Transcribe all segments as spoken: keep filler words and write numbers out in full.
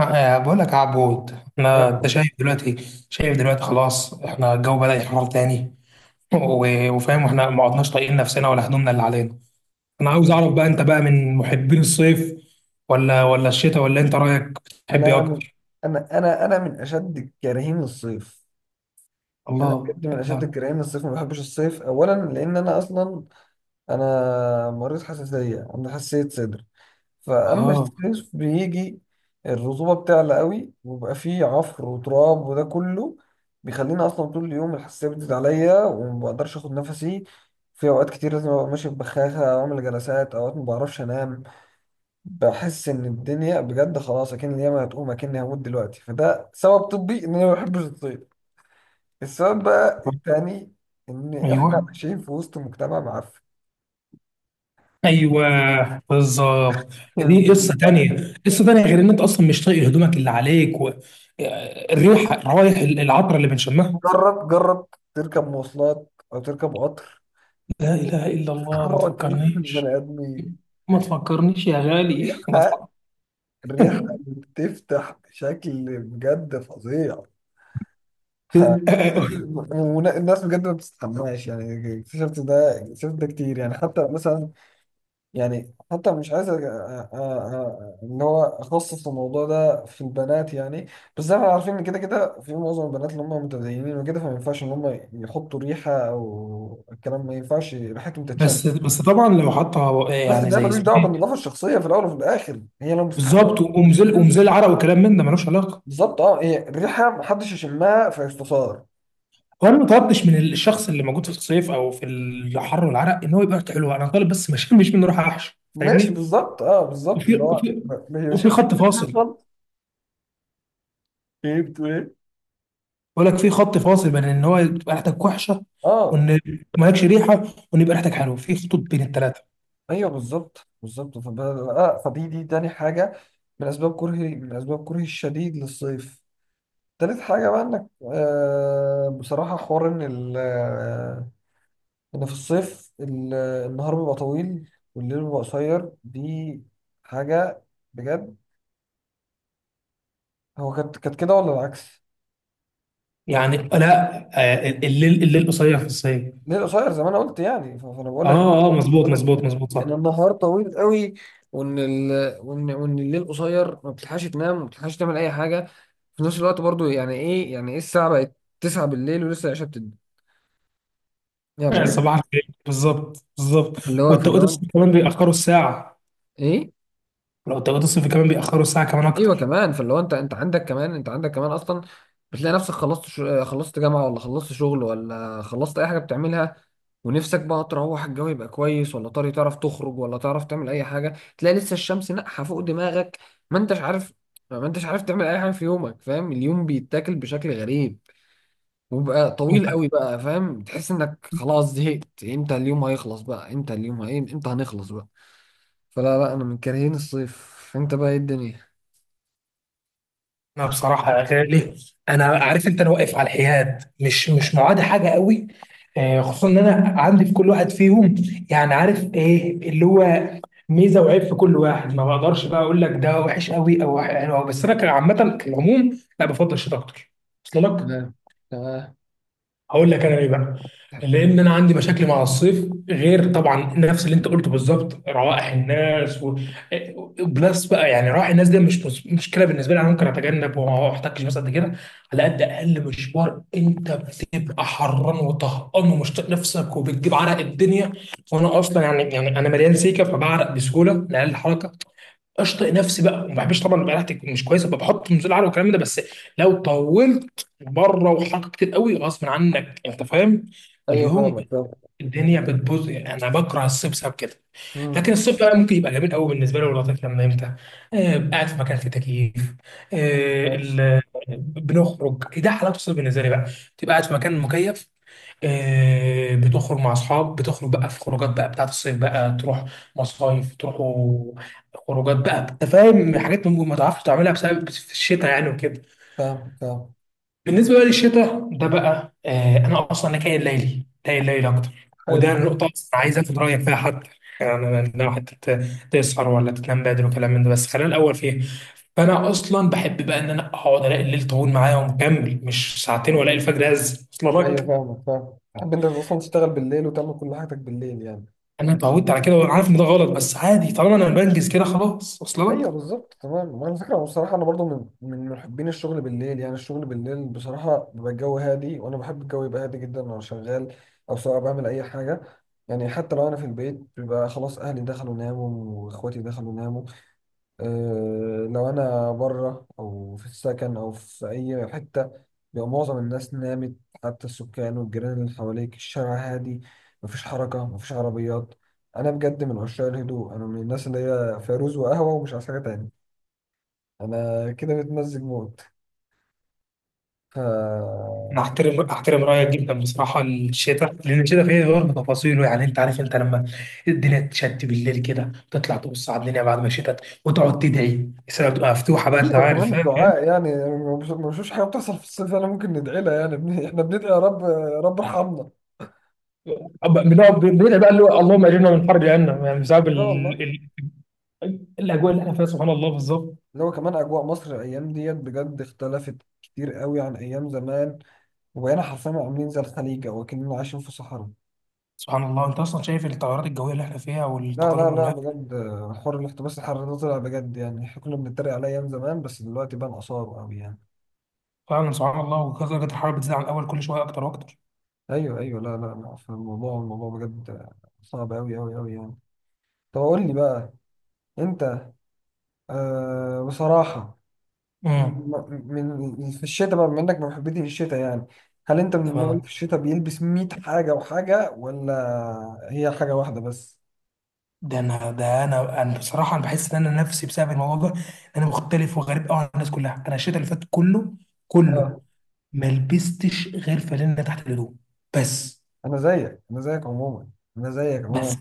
آه، بقول لك يا عبود احنا انت لا، شايف دلوقتي شايف دلوقتي خلاص. احنا الجو بدأ يحرر تاني، و- وفاهم احنا ما عدناش طايقين نفسنا ولا هدومنا اللي علينا. انا عاوز اعرف بقى انت بقى من محبين الصيف ولا ولا الشتاء، ولا انت رأيك بتحب ايه انا من اكتر؟ انا انا انا من اشد كارهين الصيف. انا الله بجد من انت. اشد الكارهين الصيف، ما بحبش الصيف. اولا لان انا اصلا انا مريض حساسيه، عندي حساسيه صدر. فاما اه، الصيف بيجي، الرطوبه بتعلى قوي وبقى فيه عفر وتراب، وده كله بيخليني اصلا طول اليوم الحساسيه بتزيد عليا وما بقدرش اخد نفسي. في اوقات كتير لازم ابقى ماشي ببخاخه او اعمل جلسات، اوقات ما بعرفش انام. بحس ان الدنيا بجد خلاص، اكن اليوم هتقوم اكني هموت دلوقتي. فده سبب طبي ان انا ما بحبش الصيد. السبب بقى التاني، ان احنا ايوه، عايشين في وسط مجتمع معفن. ايوه بالظبط. دي قصه تانية، قصه تانية غير ان انت اصلا مش طايق هدومك اللي عليك و... الريحه، الروايح، العطر اللي بنشمها. جرب جرب تركب مواصلات او تركب قطر. لا إله إلا الله، ما تحرك البني تفكرنيش، ادمين. ما تفكرنيش يا غالي ما الريحه، تفكرنيش. الريحه بتفتح بشكل بجد فظيع. ف- الناس بجد ما بتستحماش، يعني اكتشفت ده، اكتشفت ده كتير يعني. حتى مثلا، يعني حتى مش عايز أ- أ- أ- ان هو اخصص الموضوع ده في البنات يعني. بس احنا عارفين ان كده كده في معظم البنات اللي هم متدينين وكده، فما ينفعش ان هم يحطوا ريحه او الكلام، ما ينفعش ريحتهم تتشم. بس بس طبعا لو حطها بس يعني ده زي ملوش اسمه دعوه ايه. بالنظافه الشخصيه، في الاول وفي الاخر هي لو مستحبه بالظبط، ومزل بتنزل. ومزل عرق وكلام من ده ملوش علاقه. بالظبط، اه، هي الريحه محدش يشمها فيستثار. وانا ما طلبتش من الشخص اللي موجود في الصيف او في الحر والعرق ان هو يبقى ريحته حلوه، انا طالب بس مش مش منه راح احشي، ماشي، فاهمني؟ بالظبط، اه، بالظبط وفي اللي هو وفي ما ما وفي يشمش خط ريحة فاصل. خالص. ايه، بتقول ايه؟ بقول لك في خط فاصل بين ان هو تبقى ريحتك وحشه، اه، وان مالكش ريحه، وان يبقى ريحتك حلوه. في خطوط بين الثلاثه. ايوه، بالظبط بالظبط. فب... آه فدي دي تاني حاجه من اسباب كرهي، من اسباب كرهي الشديد للصيف. تالت حاجه بقى انك، آه بصراحه، حوار ان ال... آه ان في الصيف، ال... آه، النهار بيبقى طويل والليل بيبقى قصير. دي حاجه بجد. هو كانت كانت كده ولا العكس؟ يعني لا، آه، الليل، الليل قصير في الصعيد. ليه قصير زي ما انا قلت يعني. ف- فانا بقول اه لك، اه، آه، مظبوط، بقول لك مظبوط، مظبوط، ان صح. النهار طويل قوي، وان ال... وان وان الليل قصير ما بتلحقش تنام وما بتلحقش تعمل اي حاجه في نفس الوقت برضو. يعني ايه، يعني ايه الساعه بقت تسعة بالليل ولسه العشاء بتدي. يعني بجد. صباح الخير، بالظبط بالظبط. فاللي هو فاللي والتوقيت هو الصيفي كمان بيأخروا الساعة. ايه. لو التوقيت الصيفي كمان بيأخروا الساعة كمان ايوه أكتر. كمان. فاللي هو انت انت عندك كمان انت عندك كمان اصلا بتلاقي نفسك، خلصت شو... خلصت جامعه ولا خلصت شغل ولا خلصت اي حاجه بتعملها، ونفسك بقى تروح، الجو يبقى كويس ولا طاري تعرف تخرج ولا تعرف تعمل اي حاجه. تلاقي لسه الشمس ناقحه فوق دماغك. ما انتش عارف، ما انتش عارف تعمل اي حاجه في يومك. فاهم، اليوم بيتاكل بشكل غريب وبقى طويل قوي بقى. فاهم، تحس انك خلاص زهقت، امتى اليوم هيخلص بقى، امتى اليوم هي... امتى هنخلص بقى. فلا لا، انا من كارهين الصيف. انت بقى ايه الدنيا؟ أنا بصراحة يا غالي، أنا عارف أنت، أنا واقف على الحياد، مش مش معادي حاجة قوي. آه، خصوصا إن أنا عندي في كل واحد فيهم يعني، عارف إيه اللي هو، ميزة وعيب في كل واحد. ما بقدرش بقى أقول لك ده وحش قوي أو حلو أوي. بس أنا كعامة، كالعموم، لا بفضل الشتاء أكتر. وصل لك؟ تمام. تمام. هقول لك انا ايه بقى. لان انا عندي مشاكل مع الصيف، غير طبعا نفس اللي انت قلته بالظبط، روائح الناس و... بلس بقى. يعني روائح الناس دي مش مش- مشكله بالنسبه لي. انا ممكن اتجنب وما احتكش، بس قد كده. على قد اقل مشوار انت بتبقى حران وطهقان ومش طايق نفسك وبتجيب عرق الدنيا. وانا اصلا يعني يعني انا مليان سيكه، فبعرق بسهوله لاقل حركه. اشطئ نفسي بقى، وما بحبش طبعا يبقى ريحتي تكون مش كويسه، بحط نزول على والكلام ده. بس لو طولت بره وحركت كتير قوي غصب عنك، انت فاهم؟ ايوه، فاليوم فاهمك، فاهم. الدنيا بتبوظ. يعني انا بكره الصيف بسبب كده. مم. لكن الصيف بقى ممكن يبقى جميل قوي بالنسبه لي، واللطيف لما يمتع. آه، قاعد في مكان فيه تكييف. آه، ال- ماشي. آه، بنخرج، ده حلاوه الصيف بالنسبه لي بقى. تبقى قاعد في مكان مكيف، آه، بتخرج مع اصحاب، بتخرج بقى في خروجات بقى بتاعت الصيف بقى. تروح مصايف، تروحوا خروجات بقى، انت فاهم، حاجات ممكن ما تعرفش تعملها بسبب في الشتاء يعني وكده. فاهم، فاهم. بالنسبه بقى للشتاء ده بقى، آه انا اصلا انا كائن ليلي، كائن ليلي اكتر، حلو. وده النقطه اصلا عايز اخد رايك فيها حتى. يعني لو حتى ت- تسهر ولا تنام بدري وكلام من ده. بس خلينا الاول فيه. فانا اصلا بحب بقى ان انا اقعد الاقي الليل طويل معايا ومكمل مش ساعتين، والاقي الفجر هز. وصل ايوه، لك؟ فاهمك، فاهم. تحب انت اصلا تشتغل بالليل وتعمل كل حاجتك بالليل يعني. انا اتعودت على كده، وعارف ان ده غلط، بس عادي طالما انا بنجز كده خلاص. وصل ايوه، لك؟ بالظبط. تمام. على فكره بصراحه، انا برضو من من محبين الشغل بالليل. يعني الشغل بالليل بصراحه بيبقى الجو هادي، وانا بحب الجو يبقى هادي جدا وانا شغال او سواء بعمل اي حاجه. يعني حتى لو انا في البيت، بيبقى خلاص اهلي دخلوا ناموا واخواتي دخلوا ناموا. آه، لو انا بره او في السكن او في اي حته، بيبقى معظم الناس نامت، حتى السكان والجيران اللي حواليك. الشارع هادي، مفيش حركه، مفيش عربيات. انا بجد من عشاق الهدوء. انا من الناس اللي هي فيروز وقهوه ومش عايز حاجه تاني. انا كده متمزج موت. ف انا احترم احترم رايك جدا بصراحه. الشتاء، لان الشتاء فيه برضه تفاصيله يعني. انت عارف انت لما الدنيا تشد بالليل كده، تطلع تبص على الدنيا بعد ما شتت، وتقعد تدعي، السماء بتبقى مفتوحه بقى، انت عارف وكمان فاهم. الدعاء، يعني أنا ما بش- ما بشوفش حاجه بتحصل في الصيف انا ممكن ندعي لها يعني. بن- احنا بندعي يا رب يا رب ارحمنا. أب- بنقعد بندعي بقى اللي هو اللهم اجرنا من حر جهنم، يعني بسبب لا ال... والله. ال... الاجواء اللي احنا فيها، سبحان الله، بالظبط. اللي هو كمان أجواء مصر الأيام ديت بجد اختلفت كتير قوي عن أيام زمان، وبقينا حرفيا عاملين زي الخليج أو أكننا عايشين في صحراء. سبحان الله، انت اصلا شايف التغيرات الجويه اللي احنا فيها لا والتقلب لا لا، المناخ. بجد، آه، حوار الاحتباس الحراري ده طلع بجد يعني. احنا كنا بنتريق عليه أيام زمان، بس دلوقتي بقى آثاره أوي يعني. فعلا سبحان الله، ودرجه الحراره بتزيد عن الاول كل شويه اكتر واكتر. أيوه أيوه، لا لا لا، في الموضوع، الموضوع بجد آه، صعب أوي أوي أوي يعني. طب قول لي بقى، أنت، آه بصراحة، امم من من- في الشتاء بقى، بما انك من محبتي في الشتاء يعني، هل انت من النوع اللي في تمام. الشتاء بيلبس ميت حاجة وحاجة، ولا هي حاجة واحدة بس؟ ده انا ده انا انا بصراحه انا بحس ان انا نفسي بسبب الموضوع ده انا مختلف وغريب قوي عن الناس كلها. انا الشتاء اللي فات كله كله اه، ما لبستش غير فانلة تحت الهدوم. بس انا زيك، انا زيك عموما انا زيك بس. عموما.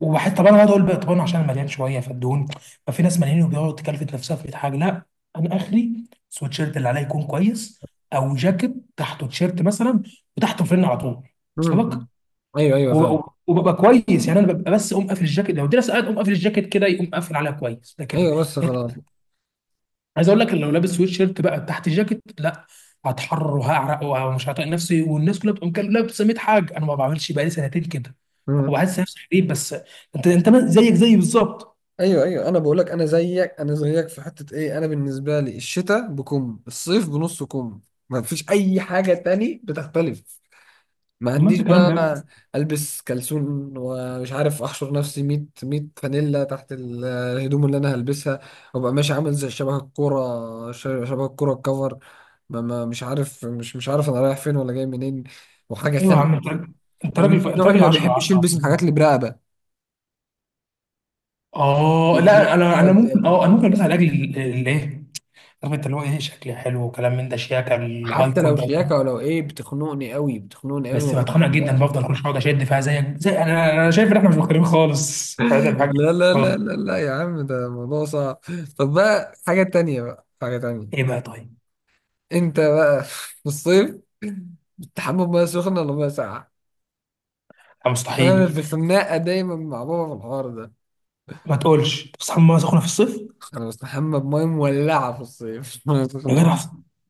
وبحس طب انا اقعد اقول بقى طب انا عشان مليان شويه فالدهون. ففي ناس مليانين وبيقعدوا تكلفت نفسها في مية حاجه. لا، انا اخري سويتشيرت اللي عليا يكون كويس، او جاكيت تحته تيشيرت مثلا، وتحته فن على طول. وصل لك؟ مم. ايوه ايوه، فاهم. وب- وببقى كويس يعني. انا ببقى بس اقوم قافل الجاكيت لو الدنيا ساقعه، اقوم قافل الجاكيت كده يقوم قافل عليها كويس. لكن ايوه، بس خلاص. عايز اقول لك إن لو لابس سويت شيرت بقى تحت جاكيت، لا، هتحرر وهعرق ومش هطيق نفسي. والناس كلها بتقوم كده لابسه مية حاجه، انا ما بعملش بقالي سنتين كده. مم. وبحس نفسي غريب، بس انت انت ما- زيك زيي بالظبط. ايوه ايوه، انا بقول لك، انا زيك، انا زيك في حته ايه. انا بالنسبه لي الشتاء بكم، الصيف بنص كم. ما فيش اي حاجه تاني بتختلف. ما طب ما عنديش انت كلام جميل. بقى، البس كلسون ومش عارف احشر نفسي ميت ميت فانيلا تحت ال- الهدوم اللي انا هلبسها، وابقى ماشي عامل زي شبه الكوره، ش- شبه الكوره الكفر. ما ما مش عارف، مش مش عارف انا رايح فين ولا جاي منين. وحاجه ايوه يا خانقه. عم، انت راجل، انت ومن راجل انت النوع اللي راجل ما 10 بيحبش 10 يلبس الحاجات اللي برقبه. اه البر- لا، انا انا ممكن، اه دي انا ممكن البسها لاجل ال- ال- ايه، عارف انت اللي هو ايه، شكلي حلو وكلام من ده، شياكه الهاي حتى كول لو بقى وكده. شياكه ولو ايه، بتخنقني قوي، بتخنقني قوي، ما بس بتخانق جدا، بحبهاش. بفضل كل شويه اقعد اشد فيها. زيك زي انا، انا شايف ان احنا مش مختلفين خالص، فده حاجه لا لا لا خالص. لا لا يا عم، ده موضوع صعب. طب بقى، حاجه تانية بقى، حاجه ايه تانية. بقى طيب؟ انت بقى في الصيف بتستحمى بميه سخنه ولا ميه ساقعه؟ لا عشان انا في مستحيل. خناقه دايما مع بابا في الحوار ده. ما تقولش أنت بتصحى من ميه سخنه في الصيف. انا بستحمى بميه مولعه في الصيف، ميه يا جدع، سخنه.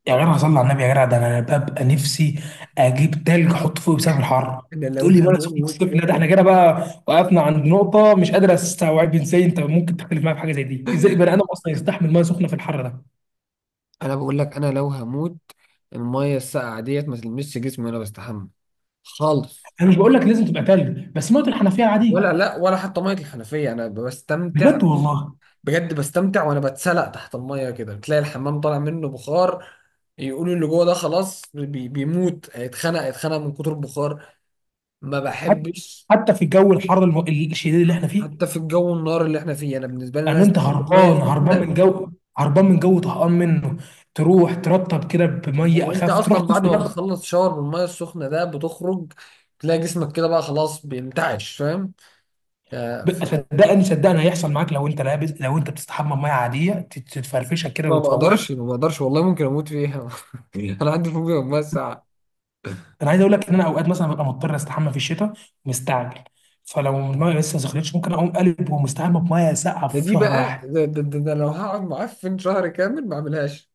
يا جدع صلي على النبي، يا جدع ده انا ببقى نفسي اجيب تلج احط فوقي بسبب الحر، انا لو تقول لي ميه سخنه في هموت الصيف؟ لا ده احنا كده بقى وقفنا عند نقطه. مش قادر استوعب ازاي انت ممكن تختلف معايا في حاجه زي دي، ازاي بني ادم اصلا يستحمل ميه سخنه في الحر ده. انا بقول لك، انا لو هموت، الميه الساقعه ديت ما تلمسش جسمي وانا بستحمى خالص. انا مش بقول لك لازم تبقى تلج، بس ميه الحنفيه ولا عاديه. لا، ولا حتى ميه الحنفيه، انا بستمتع بجد والله؟ بجد. بستمتع، وانا بتسلق تحت الميه كده، بتلاقي الحمام طالع منه بخار. يقولوا اللي جوه ده خلاص، بي بيموت، هيتخنق، هيتخنق من كتر البخار. ما حتى، بحبش. حتى في الجو الحر الم- الشديد اللي احنا فيه، حتى في الجو النار اللي احنا فيه، انا بالنسبه لي ان الناس انت تحمل ميه هربان هربان سخنه. من جو، هربان من جو طهقان منه، تروح ترطب كده بميه هو انت اخف، تروح اصلا بعد تسقي ما نفسك. بتخلص شاور بالميه السخنه ده بتخرج تلاقي جسمك كده بقى خلاص بينتعش. فاهم، آه، ب- ف- صدقني، صدقني هيحصل معاك، لو انت لابس، لو انت بتستحمى بميه عاديه، تت- تتفرفشك كده ما بقدرش، وتفوقك. ما بقدرش والله، ممكن اموت فيها. انا عندي فوبيا من الميه الساقعه. انا عايز اقول لك ان انا اوقات مثلا ببقى مضطر استحمى في الشتاء مستعجل، فلو الميه لسه ما سخنتش، ممكن اقوم قلب ومستحمى بميه ساقعه ده، في دي شهر بقى واحد. ده, ده, ده, ده لو هقعد معفن شهر كامل ما اعملهاش.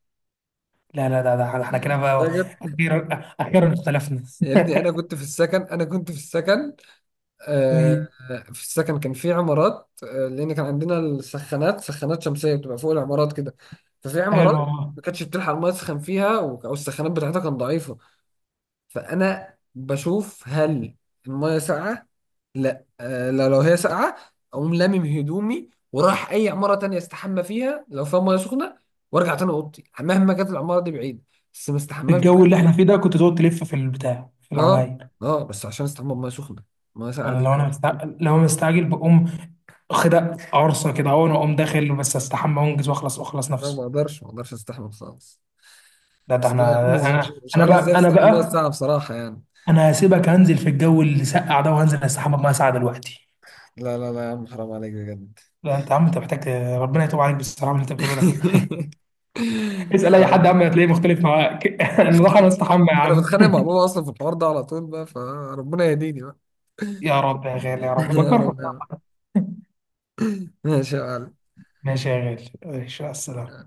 لا لا لا، ده احنا كده بقى، ده جد. اخيرا، اخيرا اختلفنا. يا ابني، انا كنت في السكن انا كنت في السكن، آه، إيه، في السكن كان في عمارات. آه، لان كان عندنا السخانات، سخانات شمسيه بتبقى فوق العمارات كده. ففي حلو عمارات والله. ما كانتش بتلحق الميه تسخن فيها، و- او السخانات بتاعتها كانت ضعيفه. فانا بشوف هل الميه ساقعه. لا. آه، لا لو هي ساقعه اقوم لامم هدومي وراح اي عماره تانية استحمى فيها لو فيها ميه سخنه، وارجع تاني اوضتي مهما كانت العماره دي بعيد. بس ما استحماش الجو اللي بمية- احنا فيه ده كنت تقعد تلف في البتاع في اه. العمايل؟ اه، بس عشان استحمى بميه سخنه. ميه ساقعه انا دي لو انا مستعجل، لو انا مستعجل بقوم واخدها عرصه كده، اهو انا اقوم داخل بس استحمى وانجز واخلص واخلص لا، ما نفسي. اقدرش، ما اقدرش استحمى خالص. لا ده بس لا احنا، يا عم، مش انا مش انا عارف بقى ازاي انا بتستحملها بقى الساعة بصراحة يعني. انا هسيبك هنزل في الجو اللي سقع ده وهنزل استحمى بميه ساقعه دلوقتي. لا لا لا يا عم، حرام عليك بجد. لا انت يا عم، انت محتاج ربنا يتوب عليك بصراحه من اللي انت بتقوله ده. اسال اي حد يا آه. عم هتلاقيه مختلف معاك. انا راح استحمى يا انا عم. بتخانق مع بابا اصلا في الحوار ده على طول بقى، فربنا يهديني بقى. يا رب يا غالي، يا رب يا بجرب. رب يا عم. ماشي يا معلم. ماشي يا غالي، ماشي، السلام.